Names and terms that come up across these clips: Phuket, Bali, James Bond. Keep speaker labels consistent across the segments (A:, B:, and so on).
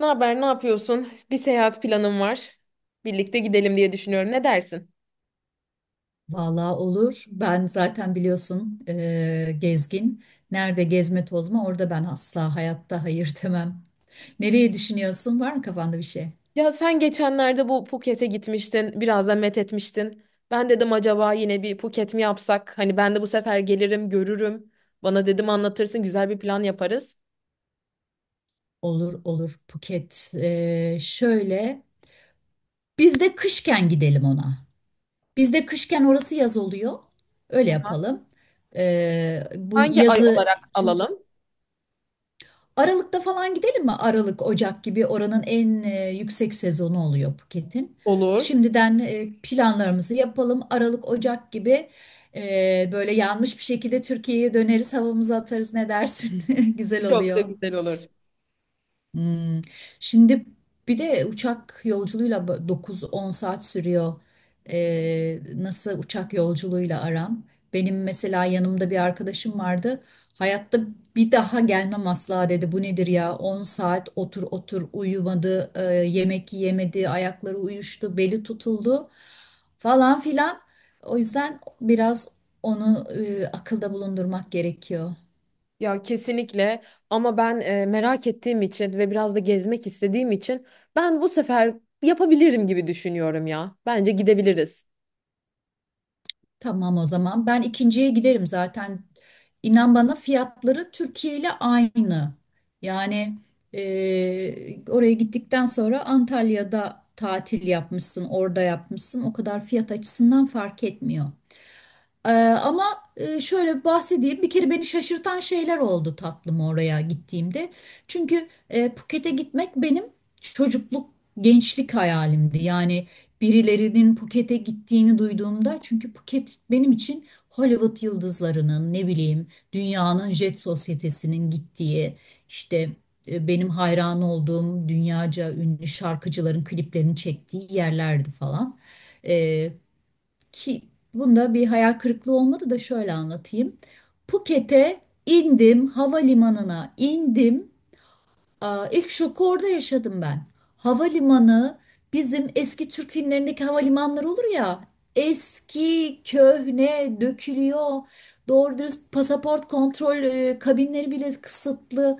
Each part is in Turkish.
A: Ne haber, ne yapıyorsun? Bir seyahat planım var. Birlikte gidelim diye düşünüyorum. Ne dersin?
B: Vallahi olur. Ben zaten biliyorsun gezgin. Nerede gezme tozma orada ben asla hayatta hayır demem. Nereye düşünüyorsun? Var mı kafanda bir şey?
A: Ya sen geçenlerde bu Phuket'e gitmiştin, biraz da met etmiştin. Ben dedim acaba yine bir Phuket mi yapsak? Hani ben de bu sefer gelirim, görürüm. Bana dedim anlatırsın, güzel bir plan yaparız.
B: Olur olur Phuket. Şöyle biz de kışken gidelim ona. Biz de kışken orası yaz oluyor. Öyle
A: Tamam.
B: yapalım. Bu
A: Hangi ay
B: yazı
A: olarak alalım?
B: Aralık'ta falan gidelim mi? Aralık, Ocak gibi oranın en yüksek sezonu oluyor Phuket'in.
A: Olur.
B: Şimdiden planlarımızı yapalım. Aralık, Ocak gibi böyle yanmış bir şekilde Türkiye'ye döneriz, havamızı atarız. Ne dersin? Güzel
A: Çok da
B: oluyor.
A: güzel olur.
B: Hmm. Şimdi bir de uçak yolculuğuyla 9-10 saat sürüyor. Nasıl uçak yolculuğuyla aran? Benim mesela yanımda bir arkadaşım vardı. Hayatta bir daha gelmem asla dedi. Bu nedir ya? 10 saat otur otur uyumadı, yemek yemedi, ayakları uyuştu, beli tutuldu falan filan. O yüzden biraz onu akılda bulundurmak gerekiyor.
A: Ya kesinlikle, ama ben merak ettiğim için ve biraz da gezmek istediğim için ben bu sefer yapabilirim gibi düşünüyorum ya. Bence gidebiliriz.
B: Tamam o zaman. Ben ikinciye giderim zaten. İnan bana fiyatları Türkiye ile aynı. Yani oraya gittikten sonra Antalya'da tatil yapmışsın, orada yapmışsın. O kadar fiyat açısından fark etmiyor. Ee, ama şöyle bahsedeyim. Bir kere beni şaşırtan şeyler oldu tatlım oraya gittiğimde. Çünkü Phuket'e gitmek benim çocukluk, gençlik hayalimdi. Yani birilerinin Phuket'e gittiğini duyduğumda çünkü Phuket benim için Hollywood yıldızlarının ne bileyim dünyanın jet sosyetesinin gittiği işte benim hayran olduğum dünyaca ünlü şarkıcıların kliplerini çektiği yerlerdi falan. Ee, ki bunda bir hayal kırıklığı olmadı da şöyle anlatayım. Phuket'e indim, havalimanına indim. Aa, ilk şoku orada yaşadım ben. Havalimanı bizim eski Türk filmlerindeki havalimanları olur ya. Eski, köhne, dökülüyor. Doğru dürüst pasaport kontrol kabinleri bile kısıtlı.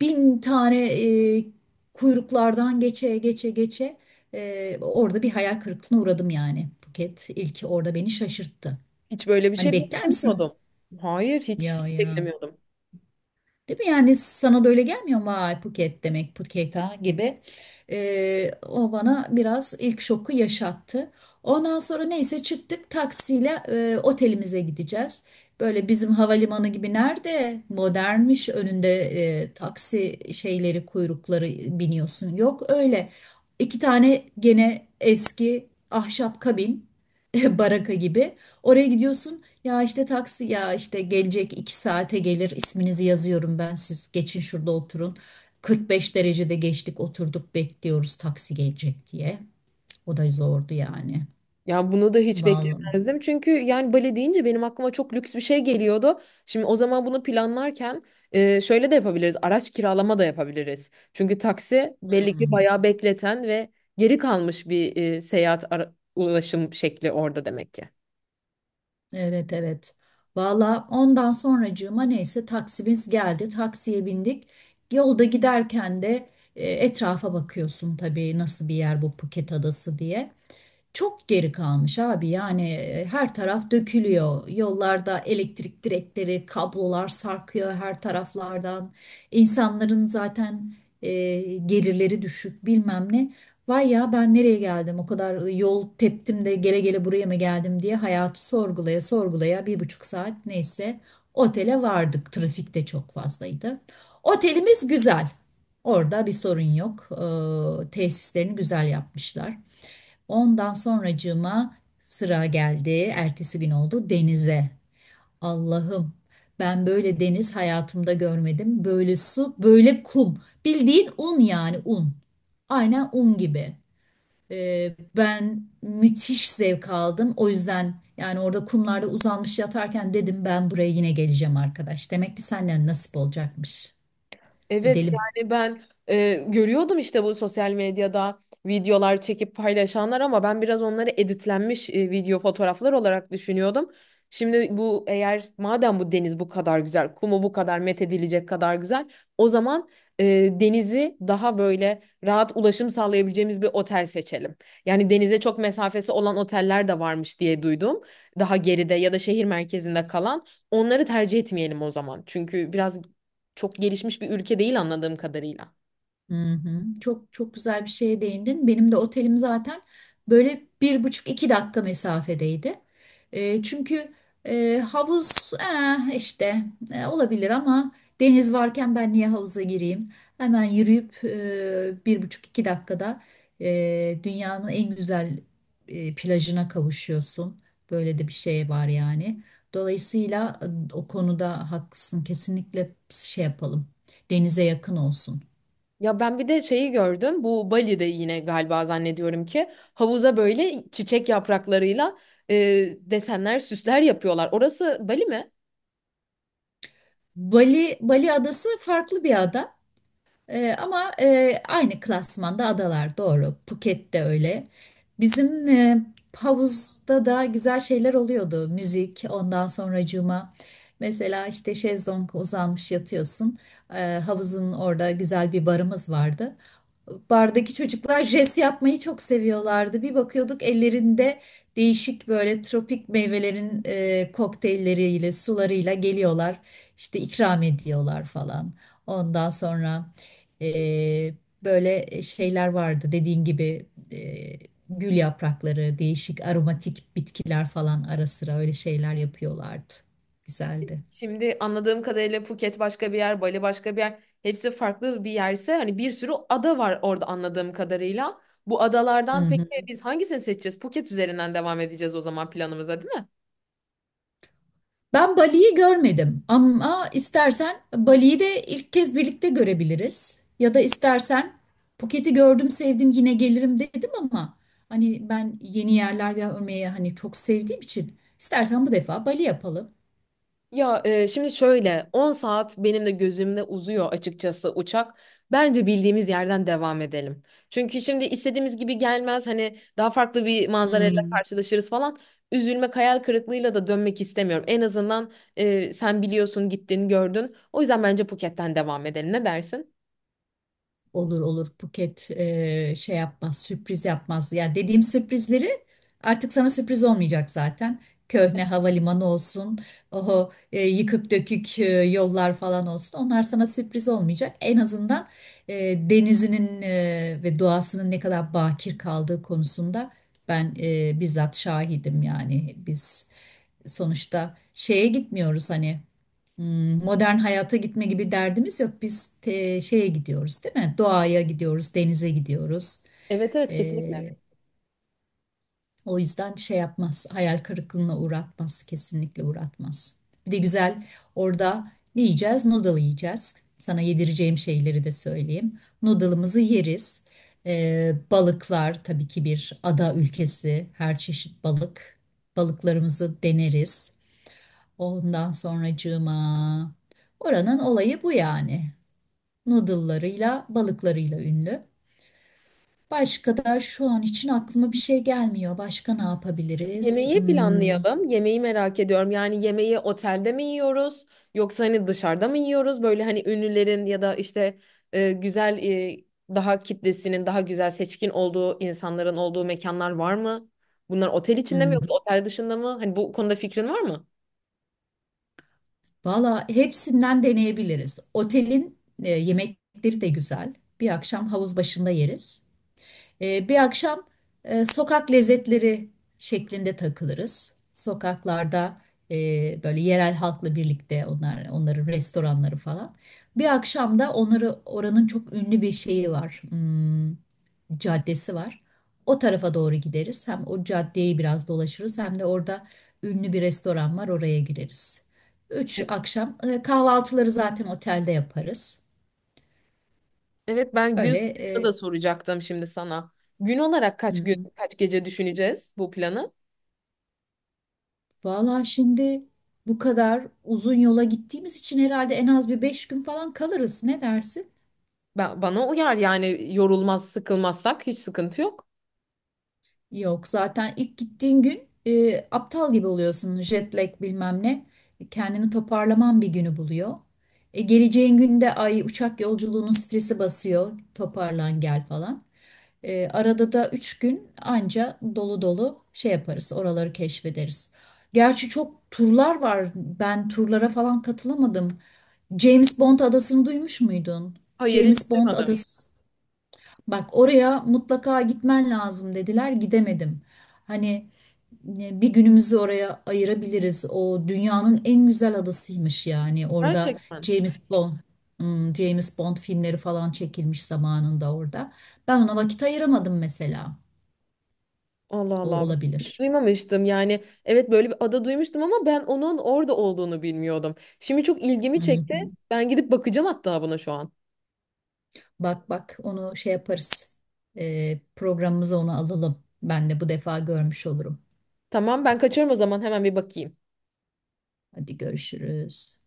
B: Bin tane e, kuyruklardan geçe geçe geçe. Orada bir hayal kırıklığına uğradım yani. Buket ilki orada beni şaşırttı.
A: Hiç böyle bir
B: Hani
A: şey
B: bekler misin?
A: beklemiyordum. Hayır, hiç,
B: Ya
A: hiç
B: ya.
A: beklemiyordum.
B: Değil mi? Yani sana da öyle gelmiyor mu? Vay Phuket demek Phuket ha gibi. O bana biraz ilk şoku yaşattı. Ondan sonra neyse çıktık taksiyle otelimize gideceğiz. Böyle bizim havalimanı gibi nerede modernmiş önünde taksi şeyleri kuyrukları biniyorsun. Yok öyle. İki tane gene eski ahşap kabin baraka gibi. Oraya gidiyorsun. Ya işte taksi ya işte gelecek 2 saate gelir isminizi yazıyorum ben siz geçin şurada oturun. 45 derecede geçtik oturduk bekliyoruz taksi gelecek diye. O da zordu yani.
A: Ya bunu da hiç
B: Vallahi.
A: beklemezdim. Çünkü yani bale deyince benim aklıma çok lüks bir şey geliyordu. Şimdi o zaman bunu planlarken şöyle de yapabiliriz. Araç kiralama da yapabiliriz. Çünkü taksi belli ki
B: Hmm.
A: bayağı bekleten ve geri kalmış bir seyahat ulaşım şekli orada demek ki.
B: Evet evet. Valla ondan sonracığıma neyse taksimiz geldi. Taksiye bindik. Yolda giderken de etrafa bakıyorsun tabii nasıl bir yer bu Phuket Adası diye. Çok geri kalmış abi yani her taraf dökülüyor. Yollarda elektrik direkleri, kablolar sarkıyor her taraflardan. İnsanların zaten e, gelirleri düşük bilmem ne. Vay ya ben nereye geldim o kadar yol teptim de gele gele buraya mı geldim diye hayatı sorgulaya sorgulaya 1,5 saat neyse otele vardık. Trafik de çok fazlaydı. Otelimiz güzel. Orada bir sorun yok. Tesislerini güzel yapmışlar. Ondan sonracığıma sıra geldi. Ertesi gün oldu denize. Allah'ım ben böyle deniz hayatımda görmedim. Böyle su, böyle kum. Bildiğin un yani un. Aynen un gibi. Ben müthiş zevk aldım. O yüzden yani orada kumlarda uzanmış yatarken dedim ben buraya yine geleceğim arkadaş. Demek ki senden nasip olacakmış.
A: Evet
B: Gidelim.
A: yani ben görüyordum işte, bu sosyal medyada videolar çekip paylaşanlar, ama ben biraz onları editlenmiş video fotoğraflar olarak düşünüyordum. Şimdi bu, eğer madem bu deniz bu kadar güzel, kumu bu kadar methedilecek kadar güzel, o zaman e, denizi daha böyle rahat ulaşım sağlayabileceğimiz bir otel seçelim. Yani denize çok mesafesi olan oteller de varmış diye duydum. Daha geride ya da şehir merkezinde kalan onları tercih etmeyelim o zaman. Çünkü biraz çok gelişmiş bir ülke değil anladığım kadarıyla.
B: Hı hı. Çok çok güzel bir şeye değindin. Benim de otelim zaten böyle bir buçuk iki dakika mesafedeydi. Çünkü havuz işte olabilir ama deniz varken ben niye havuza gireyim? Hemen yürüyüp bir buçuk iki dakikada dünyanın en güzel plajına kavuşuyorsun. Böyle de bir şey var yani. Dolayısıyla o konuda haklısın. Kesinlikle şey yapalım. Denize yakın olsun.
A: Ya ben bir de şeyi gördüm. Bu Bali'de yine galiba, zannediyorum ki, havuza böyle çiçek yapraklarıyla e, desenler, süsler yapıyorlar. Orası Bali mi?
B: Bali, Bali adası farklı bir ada. Ama aynı klasmanda adalar doğru. Phuket de öyle. Bizim havuzda da güzel şeyler oluyordu. Müzik, ondan sonracığıma. Mesela işte şezlong uzanmış yatıyorsun. Havuzun orada güzel bir barımız vardı, bardaki çocuklar jest yapmayı çok seviyorlardı. Bir bakıyorduk ellerinde değişik böyle tropik meyvelerin kokteylleriyle, sularıyla geliyorlar. İşte ikram ediyorlar falan. Ondan sonra e, böyle şeyler vardı dediğin gibi e, gül yaprakları, değişik aromatik bitkiler falan ara sıra öyle şeyler yapıyorlardı. Güzeldi.
A: Şimdi anladığım kadarıyla Phuket başka bir yer, Bali başka bir yer. Hepsi farklı bir yerse hani bir sürü ada var orada anladığım kadarıyla. Bu adalardan peki biz hangisini seçeceğiz? Phuket üzerinden devam edeceğiz o zaman planımıza, değil mi?
B: Ben Bali'yi görmedim ama istersen Bali'yi de ilk kez birlikte görebiliriz. Ya da istersen Phuket'i gördüm sevdim yine gelirim dedim ama hani ben yeni yerler görmeyi hani çok sevdiğim için istersen bu defa Bali yapalım.
A: Şimdi şöyle 10 saat benim de gözümde uzuyor açıkçası uçak. Bence bildiğimiz yerden devam edelim. Çünkü şimdi istediğimiz gibi gelmez, hani daha farklı bir manzarayla
B: Hmm.
A: karşılaşırız falan. Üzülmek, hayal kırıklığıyla da dönmek istemiyorum. En azından sen biliyorsun, gittin gördün. O yüzden bence Phuket'ten devam edelim. Ne dersin?
B: Olur olur Buket şey yapmaz sürpriz yapmaz. Ya dediğim sürprizleri artık sana sürpriz olmayacak zaten. Köhne havalimanı olsun, oho yıkık dökük yollar falan olsun. Onlar sana sürpriz olmayacak. En azından e, denizinin ve doğasının ne kadar bakir kaldığı konusunda ben bizzat şahidim yani biz sonuçta şeye gitmiyoruz hani, modern hayata gitme gibi derdimiz yok. Biz şeye gidiyoruz değil mi? Doğaya gidiyoruz, denize gidiyoruz.
A: Evet, evet, kesinlikle.
B: Ee, o yüzden şey yapmaz, hayal kırıklığına uğratmaz, kesinlikle uğratmaz. Bir de güzel orada ne yiyeceğiz? Noodle yiyeceğiz. Sana yedireceğim şeyleri de söyleyeyim. Noodle'ımızı yeriz. Balıklar tabii ki bir ada ülkesi. Her çeşit balık. Balıklarımızı deneriz. Ondan sonracığıma. Oranın olayı bu yani. Noodle'larıyla, balıklarıyla ünlü. Başka da şu an için aklıma bir şey gelmiyor. Başka ne yapabiliriz?
A: Yemeği
B: Hmm,
A: planlayalım. Yemeği merak ediyorum. Yani yemeği otelde mi yiyoruz yoksa hani dışarıda mı yiyoruz? Böyle hani ünlülerin ya da işte güzel, daha kitlesinin daha güzel, seçkin olduğu insanların olduğu mekanlar var mı? Bunlar otel içinde mi yoksa
B: hmm.
A: otel dışında mı? Hani bu konuda fikrin var mı?
B: Valla hepsinden deneyebiliriz. Otelin yemekleri de güzel. Bir akşam havuz başında yeriz. Bir akşam sokak lezzetleri şeklinde takılırız. Sokaklarda böyle yerel halkla birlikte onlar onların restoranları falan. Bir akşam da onları oranın çok ünlü bir şeyi var. Caddesi var. O tarafa doğru gideriz. Hem o caddeyi biraz dolaşırız hem de orada ünlü bir restoran var oraya gireriz. Üç
A: E,
B: akşam kahvaltıları zaten otelde yaparız.
A: Evet, ben gün
B: Öyle
A: sayısını
B: e,
A: da soracaktım şimdi sana. Gün olarak
B: hı
A: kaç gün
B: hı.
A: kaç gece düşüneceğiz bu planı?
B: Vallahi şimdi bu kadar uzun yola gittiğimiz için herhalde en az bir 5 gün falan kalırız. Ne dersin?
A: Ben, bana uyar yani, yorulmaz sıkılmazsak hiç sıkıntı yok.
B: Yok zaten ilk gittiğin gün aptal gibi oluyorsun. Jet lag bilmem ne. Kendini toparlaman bir günü buluyor. Geleceğin günde ay uçak yolculuğunun stresi basıyor. Toparlan gel falan. Arada da 3 gün anca dolu dolu şey yaparız. Oraları keşfederiz. Gerçi çok turlar var. Ben turlara falan katılamadım. James Bond adasını duymuş muydun?
A: Hayır,
B: James
A: hiç
B: Bond
A: duymadım.
B: adası. Bak oraya mutlaka gitmen lazım dediler. Gidemedim. Hani bir günümüzü oraya ayırabiliriz. O dünyanın en güzel adasıymış yani. Orada
A: Gerçekten.
B: James Bond, James Bond filmleri falan çekilmiş zamanında orada. Ben ona vakit ayıramadım mesela.
A: Allah
B: O
A: Allah. Hiç
B: olabilir.
A: duymamıştım. Yani evet, böyle bir ada duymuştum ama ben onun orada olduğunu bilmiyordum. Şimdi çok
B: Hı
A: ilgimi çekti.
B: hı.
A: Ben gidip bakacağım hatta buna şu an.
B: Bak bak onu şey yaparız. Programımıza onu alalım. Ben de bu defa görmüş olurum.
A: Tamam, ben kaçıyorum o zaman, hemen bir bakayım.
B: Hadi görüşürüz.